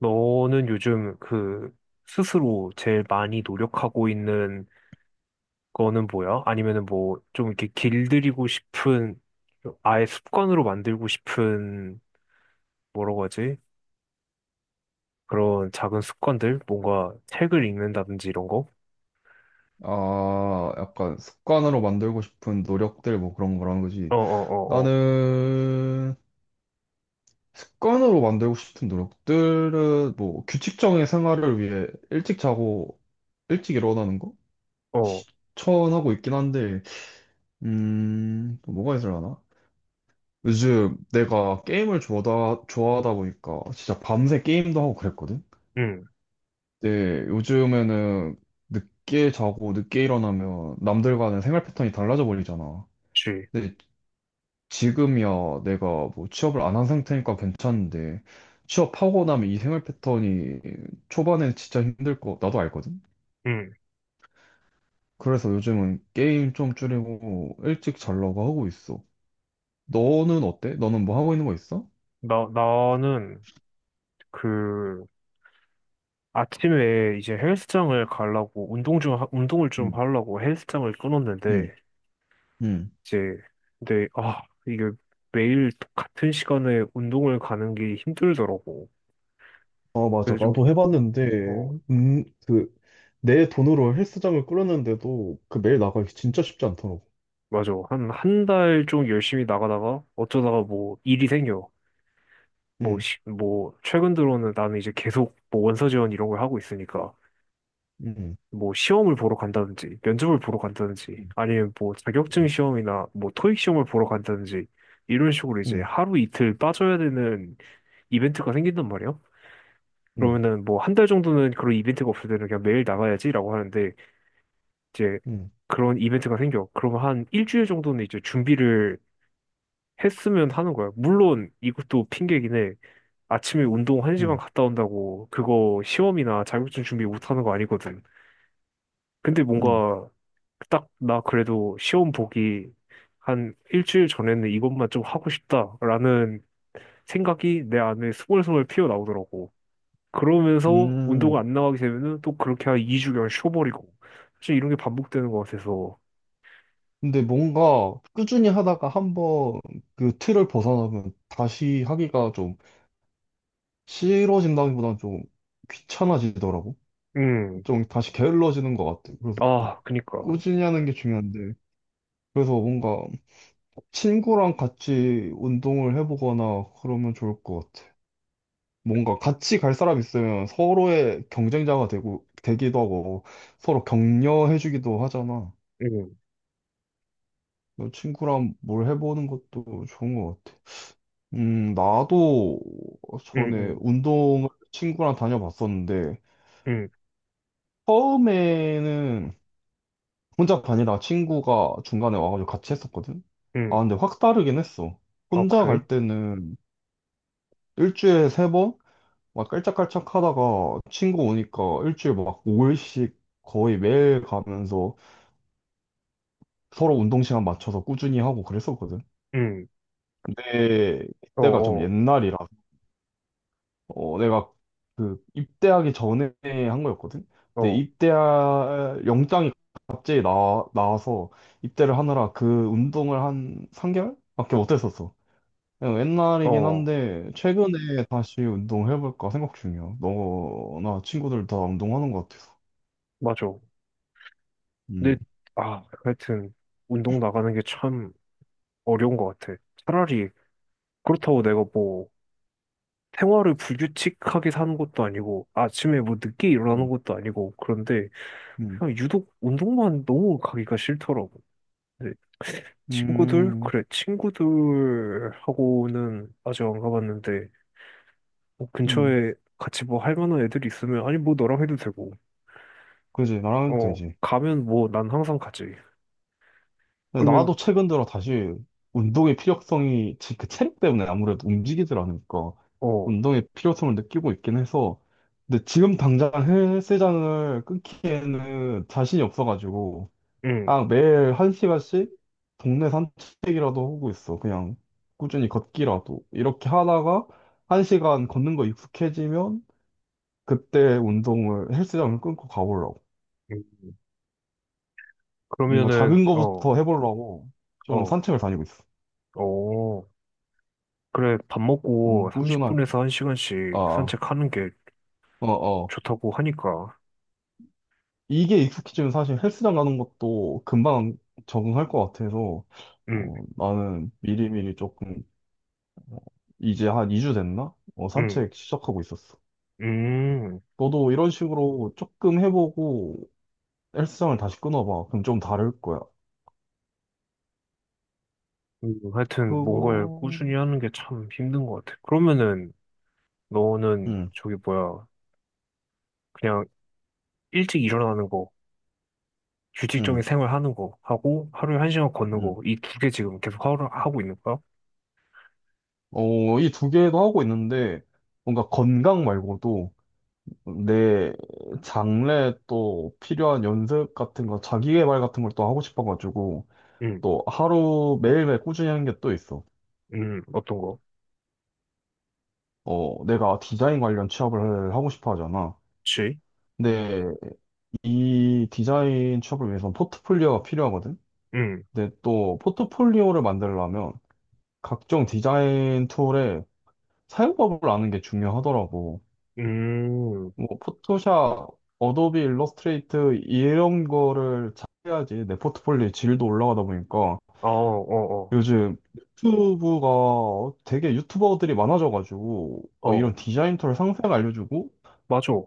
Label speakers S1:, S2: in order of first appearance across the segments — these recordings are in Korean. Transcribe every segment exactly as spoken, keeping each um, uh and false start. S1: 너는 요즘 그 스스로 제일 많이 노력하고 있는 거는 뭐야? 아니면은 뭐 좀 이렇게 길들이고 싶은, 아예 습관으로 만들고 싶은, 뭐라고 하지? 그런 작은 습관들? 뭔가 책을 읽는다든지 이런 거?
S2: 아, 약간 습관으로 만들고 싶은 노력들 뭐 그런 거라는 거지.
S1: 어, 어, 어,
S2: 나는 습관으로 만들고 싶은 노력들은 뭐 규칙적인 생활을 위해 일찍 자고 일찍 일어나는 거?
S1: 어, 어,
S2: 처원하고 있긴 한데, 음, 또 뭐가 있을려나. 요즘 내가 게임을 좋아하다, 좋아하다 보니까 진짜 밤새 게임도 하고 그랬거든?
S1: 응,
S2: 근데 요즘에는 늦게 자고 늦게 일어나면 남들과는 생활 패턴이 달라져 버리잖아.
S1: 그치.
S2: 근데 지금이야 내가 뭐 취업을 안 한 상태니까 괜찮은데 취업하고 나면 이 생활 패턴이 초반엔 진짜 힘들 거 나도 알거든.
S1: 응.
S2: 그래서 요즘은 게임 좀 줄이고 일찍 자려고 하고 있어. 너는 어때? 너는 뭐 하고 있는 거 있어?
S1: 나, 나는 그 아침에 이제 헬스장을 가려고 운동 좀, 하- 운동을 좀
S2: 응,
S1: 하려고 헬스장을
S2: 응,
S1: 끊었는데
S2: 응.
S1: 이제, 근데 아 이게 매일 똑같은 시간에 운동을 가는 게 힘들더라고.
S2: 아, 맞아.
S1: 그래서 좀,
S2: 나도 해봤는데,
S1: 어,
S2: 음, 그, 내 돈으로 헬스장을 꾸렸는데도 그 매일 나가기 진짜 쉽지 않더라고.
S1: 맞아. 한 한 달 좀 열심히 나가다가 어쩌다가 뭐 일이 생겨. 뭐,
S2: 응.
S1: 시, 뭐 최근 들어는 나는 이제 계속 뭐 원서 지원 이런 걸 하고 있으니까
S2: 응.
S1: 뭐 시험을 보러 간다든지 면접을 보러 간다든지
S2: 음,
S1: 아니면 뭐 자격증
S2: 음.
S1: 시험이나 뭐 토익 시험을 보러 간다든지 이런 식으로 이제
S2: 응.
S1: 하루 이틀 빠져야 되는 이벤트가 생긴단 말이야.
S2: 응.
S1: 그러면은 뭐 한 달 정도는 그런 이벤트가 없을 때는 그냥 매일 나가야지라고 하는데, 이제
S2: 응.
S1: 그런 이벤트가 생겨. 그러면 한 일주일 정도는 이제 준비를 했으면 하는 거야. 물론 이것도 핑계긴 해. 아침에 운동 한시간
S2: 응.
S1: 갔다 온다고 그거 시험이나 자격증 준비 못 하는 거 아니거든. 근데
S2: 응.
S1: 뭔가 딱, 나 그래도 시험 보기 한 일주일 전에는 이것만 좀 하고 싶다라는 생각이 내 안에 스멀스멀 피어나오더라고. 그러면서
S2: 응.
S1: 운동 안 나가게 되면은 또 그렇게 한 이 주간 쉬어버리고. 사실 이런 게 반복되는 것 같아서.
S2: 근데 뭔가 꾸준히 하다가 한번 그 틀을 벗어나면 다시 하기가 좀 싫어진다기보다는 좀 귀찮아지더라고.
S1: 음,
S2: 좀 다시 게을러지는 것 같아. 그래서
S1: 아, 그니까.
S2: 꾸준히 하는 게 중요한데. 그래서 뭔가 친구랑 같이 운동을 해보거나 그러면 좋을 것 같아. 뭔가 같이 갈 사람 있으면 서로의 경쟁자가 되고, 되기도 하고, 서로 격려해주기도 하잖아.
S1: 음,
S2: 친구랑 뭘 해보는 것도 좋은 것 같아. 음, 나도
S1: 음,
S2: 전에
S1: 음,
S2: 운동을 친구랑 다녀봤었는데,
S1: 음,
S2: 처음에는 혼자 다니다가 친구가 중간에 와가지고 같이 했었거든? 아,
S1: 음.
S2: 근데 확 다르긴 했어.
S1: 아,
S2: 혼자
S1: 그래?
S2: 갈 때는 일주일에 세 번? 막 깔짝깔짝 하다가 친구 오니까 일주일 막 오 일씩 거의 매일 가면서 서로 운동 시간 맞춰서 꾸준히 하고 그랬었거든.
S1: 음,
S2: 근데
S1: 어,
S2: 그때가 좀
S1: 어,
S2: 옛날이라 어, 내가 그 입대하기 전에 한 거였거든. 근데
S1: 어,
S2: 입대할 영장이 갑자기 나, 나와서 입대를 하느라 그 운동을 한 삼 개월밖에 못했었어. 그냥 옛날이긴
S1: 어,
S2: 한데 최근에 다시 운동해볼까 생각 중이야. 너나 친구들 다 운동하는 것 같아서.
S1: 맞아.
S2: 음,
S1: 근데, 아, 하여튼, 운동 나가는 게 참 어려운 것 같아. 차라리, 그렇다고 내가 뭐, 생활을 불규칙하게 사는 것도 아니고, 아침에 뭐 늦게 일어나는
S2: 음,
S1: 것도 아니고, 그런데,
S2: 음,
S1: 그냥 유독 운동만 너무 가기가 싫더라고. 네. 친구들?
S2: 음,
S1: 그래, 친구들하고는 아직 안 가봤는데, 뭐
S2: 음.
S1: 근처에 같이 뭐 할 만한 애들이 있으면, 아니, 뭐 너랑 해도 되고,
S2: 그지 나랑 해도
S1: 어,
S2: 되지.
S1: 가면 뭐 난 항상 가지.
S2: 나도
S1: 그러면,
S2: 최근 들어 다시 운동의 필요성이 지- 그 체력 때문에 아무래도 움직이질 않으니까
S1: 어,
S2: 운동의 필요성을 느끼고 있긴 해서 근데 지금 당장 헬스장을 끊기에는 자신이 없어가지고,
S1: 응,
S2: 아 매일 한 시간씩 동네 산책이라도 하고 있어. 그냥 꾸준히 걷기라도 이렇게 하다가 한 시간 걷는 거 익숙해지면 그때 운동을 헬스장을 끊고 가보려고.
S1: 응.
S2: 뭔가
S1: 그러면은,
S2: 작은
S1: 어,
S2: 거부터 해보려고 좀
S1: 어,
S2: 산책을 다니고 있어.
S1: 어, 그래, 밥
S2: 좀
S1: 먹고
S2: 꾸준하게.
S1: 삼십 분에서
S2: 아,
S1: 한 시간씩
S2: 아.
S1: 산책하는 게
S2: 어, 어.
S1: 좋다고 하니까,
S2: 이게 익숙해지면 사실 헬스장 가는 것도 금방 적응할 것 같아서,
S1: 응,
S2: 어, 나는 미리미리 조금, 이제 한 이 주 됐나? 어,
S1: 응,
S2: 산책 시작하고 있었어.
S1: 음,
S2: 너도 이런 식으로 조금 해보고 헬스장을 다시 끊어봐. 그럼 좀 다를 거야.
S1: 음, 하여튼 뭔가를
S2: 그거,
S1: 꾸준히 하는 게 참 힘든 것 같아. 그러면은, 너는
S2: 응,
S1: 저기 뭐야, 그냥 일찍 일어나는 거, 규칙적인
S2: 응,
S1: 생활하는 거 하고 하루에 한 시간 걷는
S2: 응.
S1: 거 이 두 개 지금 계속 하루 하고 있는 거야?
S2: 어, 이 두 개도 하고 있는데, 뭔가 건강 말고도 내 장래 또 필요한 연습 같은 거, 자기계발 같은 걸 또 하고 싶어가지고,
S1: 음,
S2: 또 하루 매일매일 꾸준히 하는 게 또 있어.
S1: 음, 어떤 거?
S2: 어, 내가 디자인 관련 취업을 하고 싶어 하잖아.
S1: 그치?
S2: 근데 이 디자인 취업을 위해서는 포트폴리오가 필요하거든.
S1: 음,
S2: 근데 또 포트폴리오를 만들려면 각종 디자인 툴의 사용법을 아는 게 중요하더라고.
S1: 음,
S2: 뭐 포토샵, 어도비 일러스트레이트 이런 거를 잘해야지 내 포트폴리오의 질도 올라가다 보니까
S1: 어, 어,
S2: 요즘 유튜브가 되게 유튜버들이 많아져가지고
S1: 어,
S2: 어,
S1: 어,
S2: 이런 디자인 툴 상세하게 알려주고
S1: 맞아.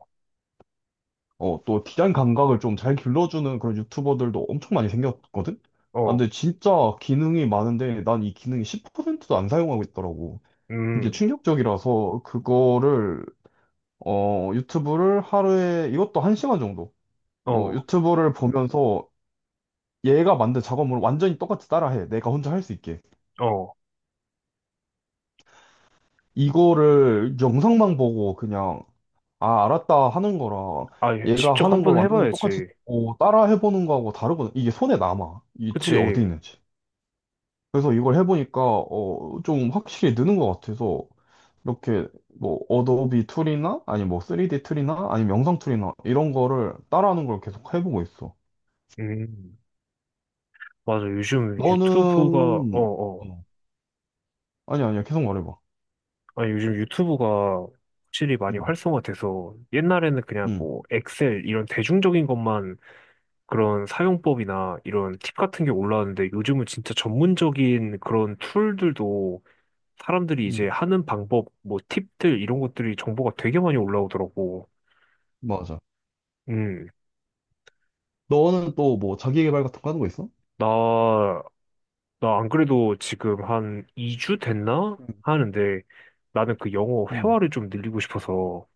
S2: 어, 또 디자인 감각을 좀 잘 길러주는 그런 유튜버들도 엄청 많이 생겼거든? 아,
S1: 어,
S2: 근데 진짜 기능이 많은데 난 이 기능이 십 퍼센트도 안 사용하고 있더라고. 그게
S1: 음,
S2: 충격적이라서 그거를 어, 유튜브를 하루에 이것도 한시간 정도 뭐
S1: 어,
S2: 유튜브를 보면서 얘가 만든 작업물을 완전히 똑같이 따라해. 내가 혼자 할 수 있게.
S1: 어.
S2: 이거를 영상만 보고 그냥 아, 알았다 하는 거랑
S1: 아, 예,
S2: 얘가
S1: 직접
S2: 하는 걸
S1: 한번
S2: 완전히 똑같이
S1: 해봐야지.
S2: 어, 따라 해보는 거하고 다르거든. 이게 손에 남아. 이 툴이 어디
S1: 그치?
S2: 있는지. 그래서 이걸 해보니까 어, 좀 확실히 느는 것 같아서 이렇게 뭐 어도비 툴이나 아니 뭐 쓰리디 툴이나 아니 면 영상 툴이나 이런 거를 따라하는 걸 계속 해보고 있어.
S1: 음, 맞아. 요즘 유튜브가, 어,
S2: 너는
S1: 어.
S2: 어, 아니 아니야 계속 말해봐.
S1: 아, 요즘 유튜브가 확실히 많이
S2: 응,
S1: 활성화돼서 옛날에는 그냥
S2: 응,
S1: 뭐 엑셀 이런 대중적인 것만, 그런 사용법이나 이런 팁 같은 게 올라왔는데 요즘은 진짜 전문적인 그런 툴들도 사람들이
S2: 응,
S1: 이제 하는 방법, 뭐 팁들 이런 것들이 정보가 되게 많이 올라오더라고.
S2: 맞아.
S1: 음,
S2: 너는 또 뭐 자기 개발 같은 거 하는 거 있어?
S1: 나, 나 안 그래도 지금 한 이 주 됐나?
S2: 응,
S1: 하는데, 나는 그 영어
S2: 응,
S1: 회화를 좀 늘리고 싶어서.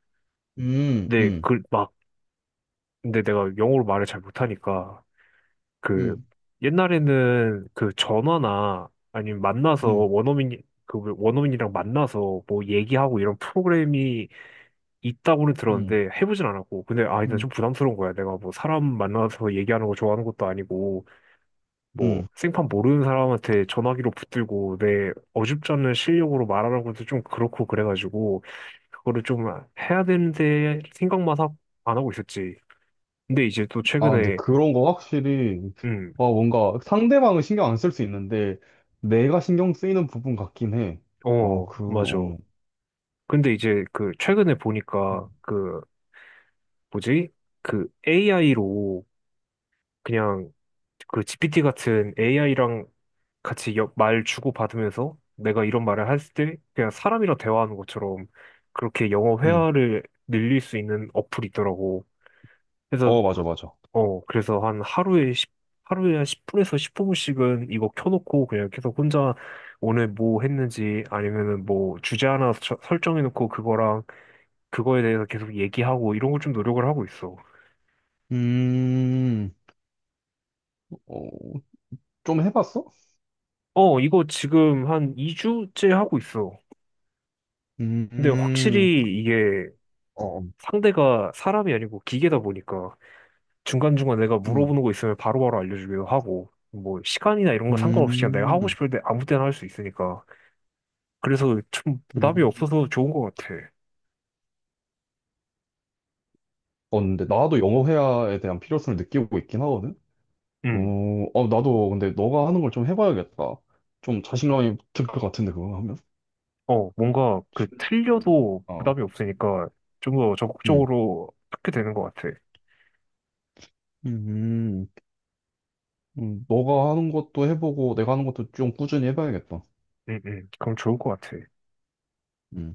S2: 응,
S1: 근데
S2: 응,
S1: 그 막, 근데 내가 영어로 말을 잘 못하니까, 그
S2: 응,
S1: 옛날에는 그 전화나 아니면 만나서
S2: 응.
S1: 원어민 그 원어민이랑 만나서 뭐 얘기하고 이런 프로그램이 있다고는
S2: 응.
S1: 들었는데 해보진 않았고. 근데 아 일단
S2: 응.
S1: 좀 부담스러운 거야. 내가 뭐 사람 만나서 얘기하는 거 좋아하는 것도 아니고, 뭐
S2: 음.
S1: 생판 모르는 사람한테 전화기로 붙들고 내 어줍잖은 실력으로 말하는 것도 좀 그렇고 그래가지고 그거를 좀 해야 되는데, 생각만 하- 안 하고 있었지. 근데 이제 또
S2: 아, 근데
S1: 최근에,
S2: 그런 거 확실히,
S1: 음,
S2: 아, 뭔가 상대방은 신경 안 쓸 수 있는데, 내가 신경 쓰이는 부분 같긴 해. 어,
S1: 어
S2: 그,
S1: 맞아,
S2: 어,
S1: 근데 이제 그 최근에 보니까 그 뭐지? 그 에이아이로 그냥, 그 지피티 같은 에이아이랑 같이 여- 말 주고받으면서 내가 이런 말을 했을 때 그냥 사람이랑 대화하는 것처럼 그렇게 영어
S2: 음.
S1: 회화를 늘릴 수 있는 어플이 있더라고. 그래서
S2: 어, 맞아, 맞아.
S1: 어 그래서 한 하루에 10 하루에 한 십 분에서 십오 분씩은 이거 켜놓고 그냥 계속 혼자 오늘 뭐 했는지 아니면은 뭐 주제 하나 처- 설정해놓고 그거랑 그거에 대해서 계속 얘기하고 이런 걸 좀 노력을 하고 있어.
S2: 음, 어, 좀 해봤어?
S1: 어, 이거 지금 한 이 주째 하고 있어.
S2: 음,
S1: 근데
S2: 음.
S1: 확실히 이게
S2: 어,
S1: 상대가 사람이 아니고 기계다 보니까 중간중간 내가
S2: 음,
S1: 물어보는 거 있으면 바로바로 알려주기도 하고 뭐 시간이나 이런 거 상관없이 그냥 내가 하고
S2: 음,
S1: 싶을 때 아무 때나 할 수 있으니까, 그래서 좀 부담이
S2: 음.
S1: 없어서 좋은 것 같아.
S2: 어, 근데 나도 영어 회화에 대한 필요성을 느끼고 있긴 하거든? 어,
S1: 음,
S2: 어, 나도 근데 너가 하는 걸 좀 해봐야겠다. 좀 자신감이 들 것 같은데, 그거 하면?
S1: 어, 뭔가 그
S2: 실력.
S1: 틀려도
S2: 어.
S1: 부담이 없으니까 좀 더
S2: 음.
S1: 적극적으로 하게 되는 것 같아.
S2: 음. 음, 너가 하는 것도 해보고 내가 하는 것도 좀 꾸준히 해봐야겠다.
S1: 음, 음, 그럼 좋을 것 같아.
S2: 음.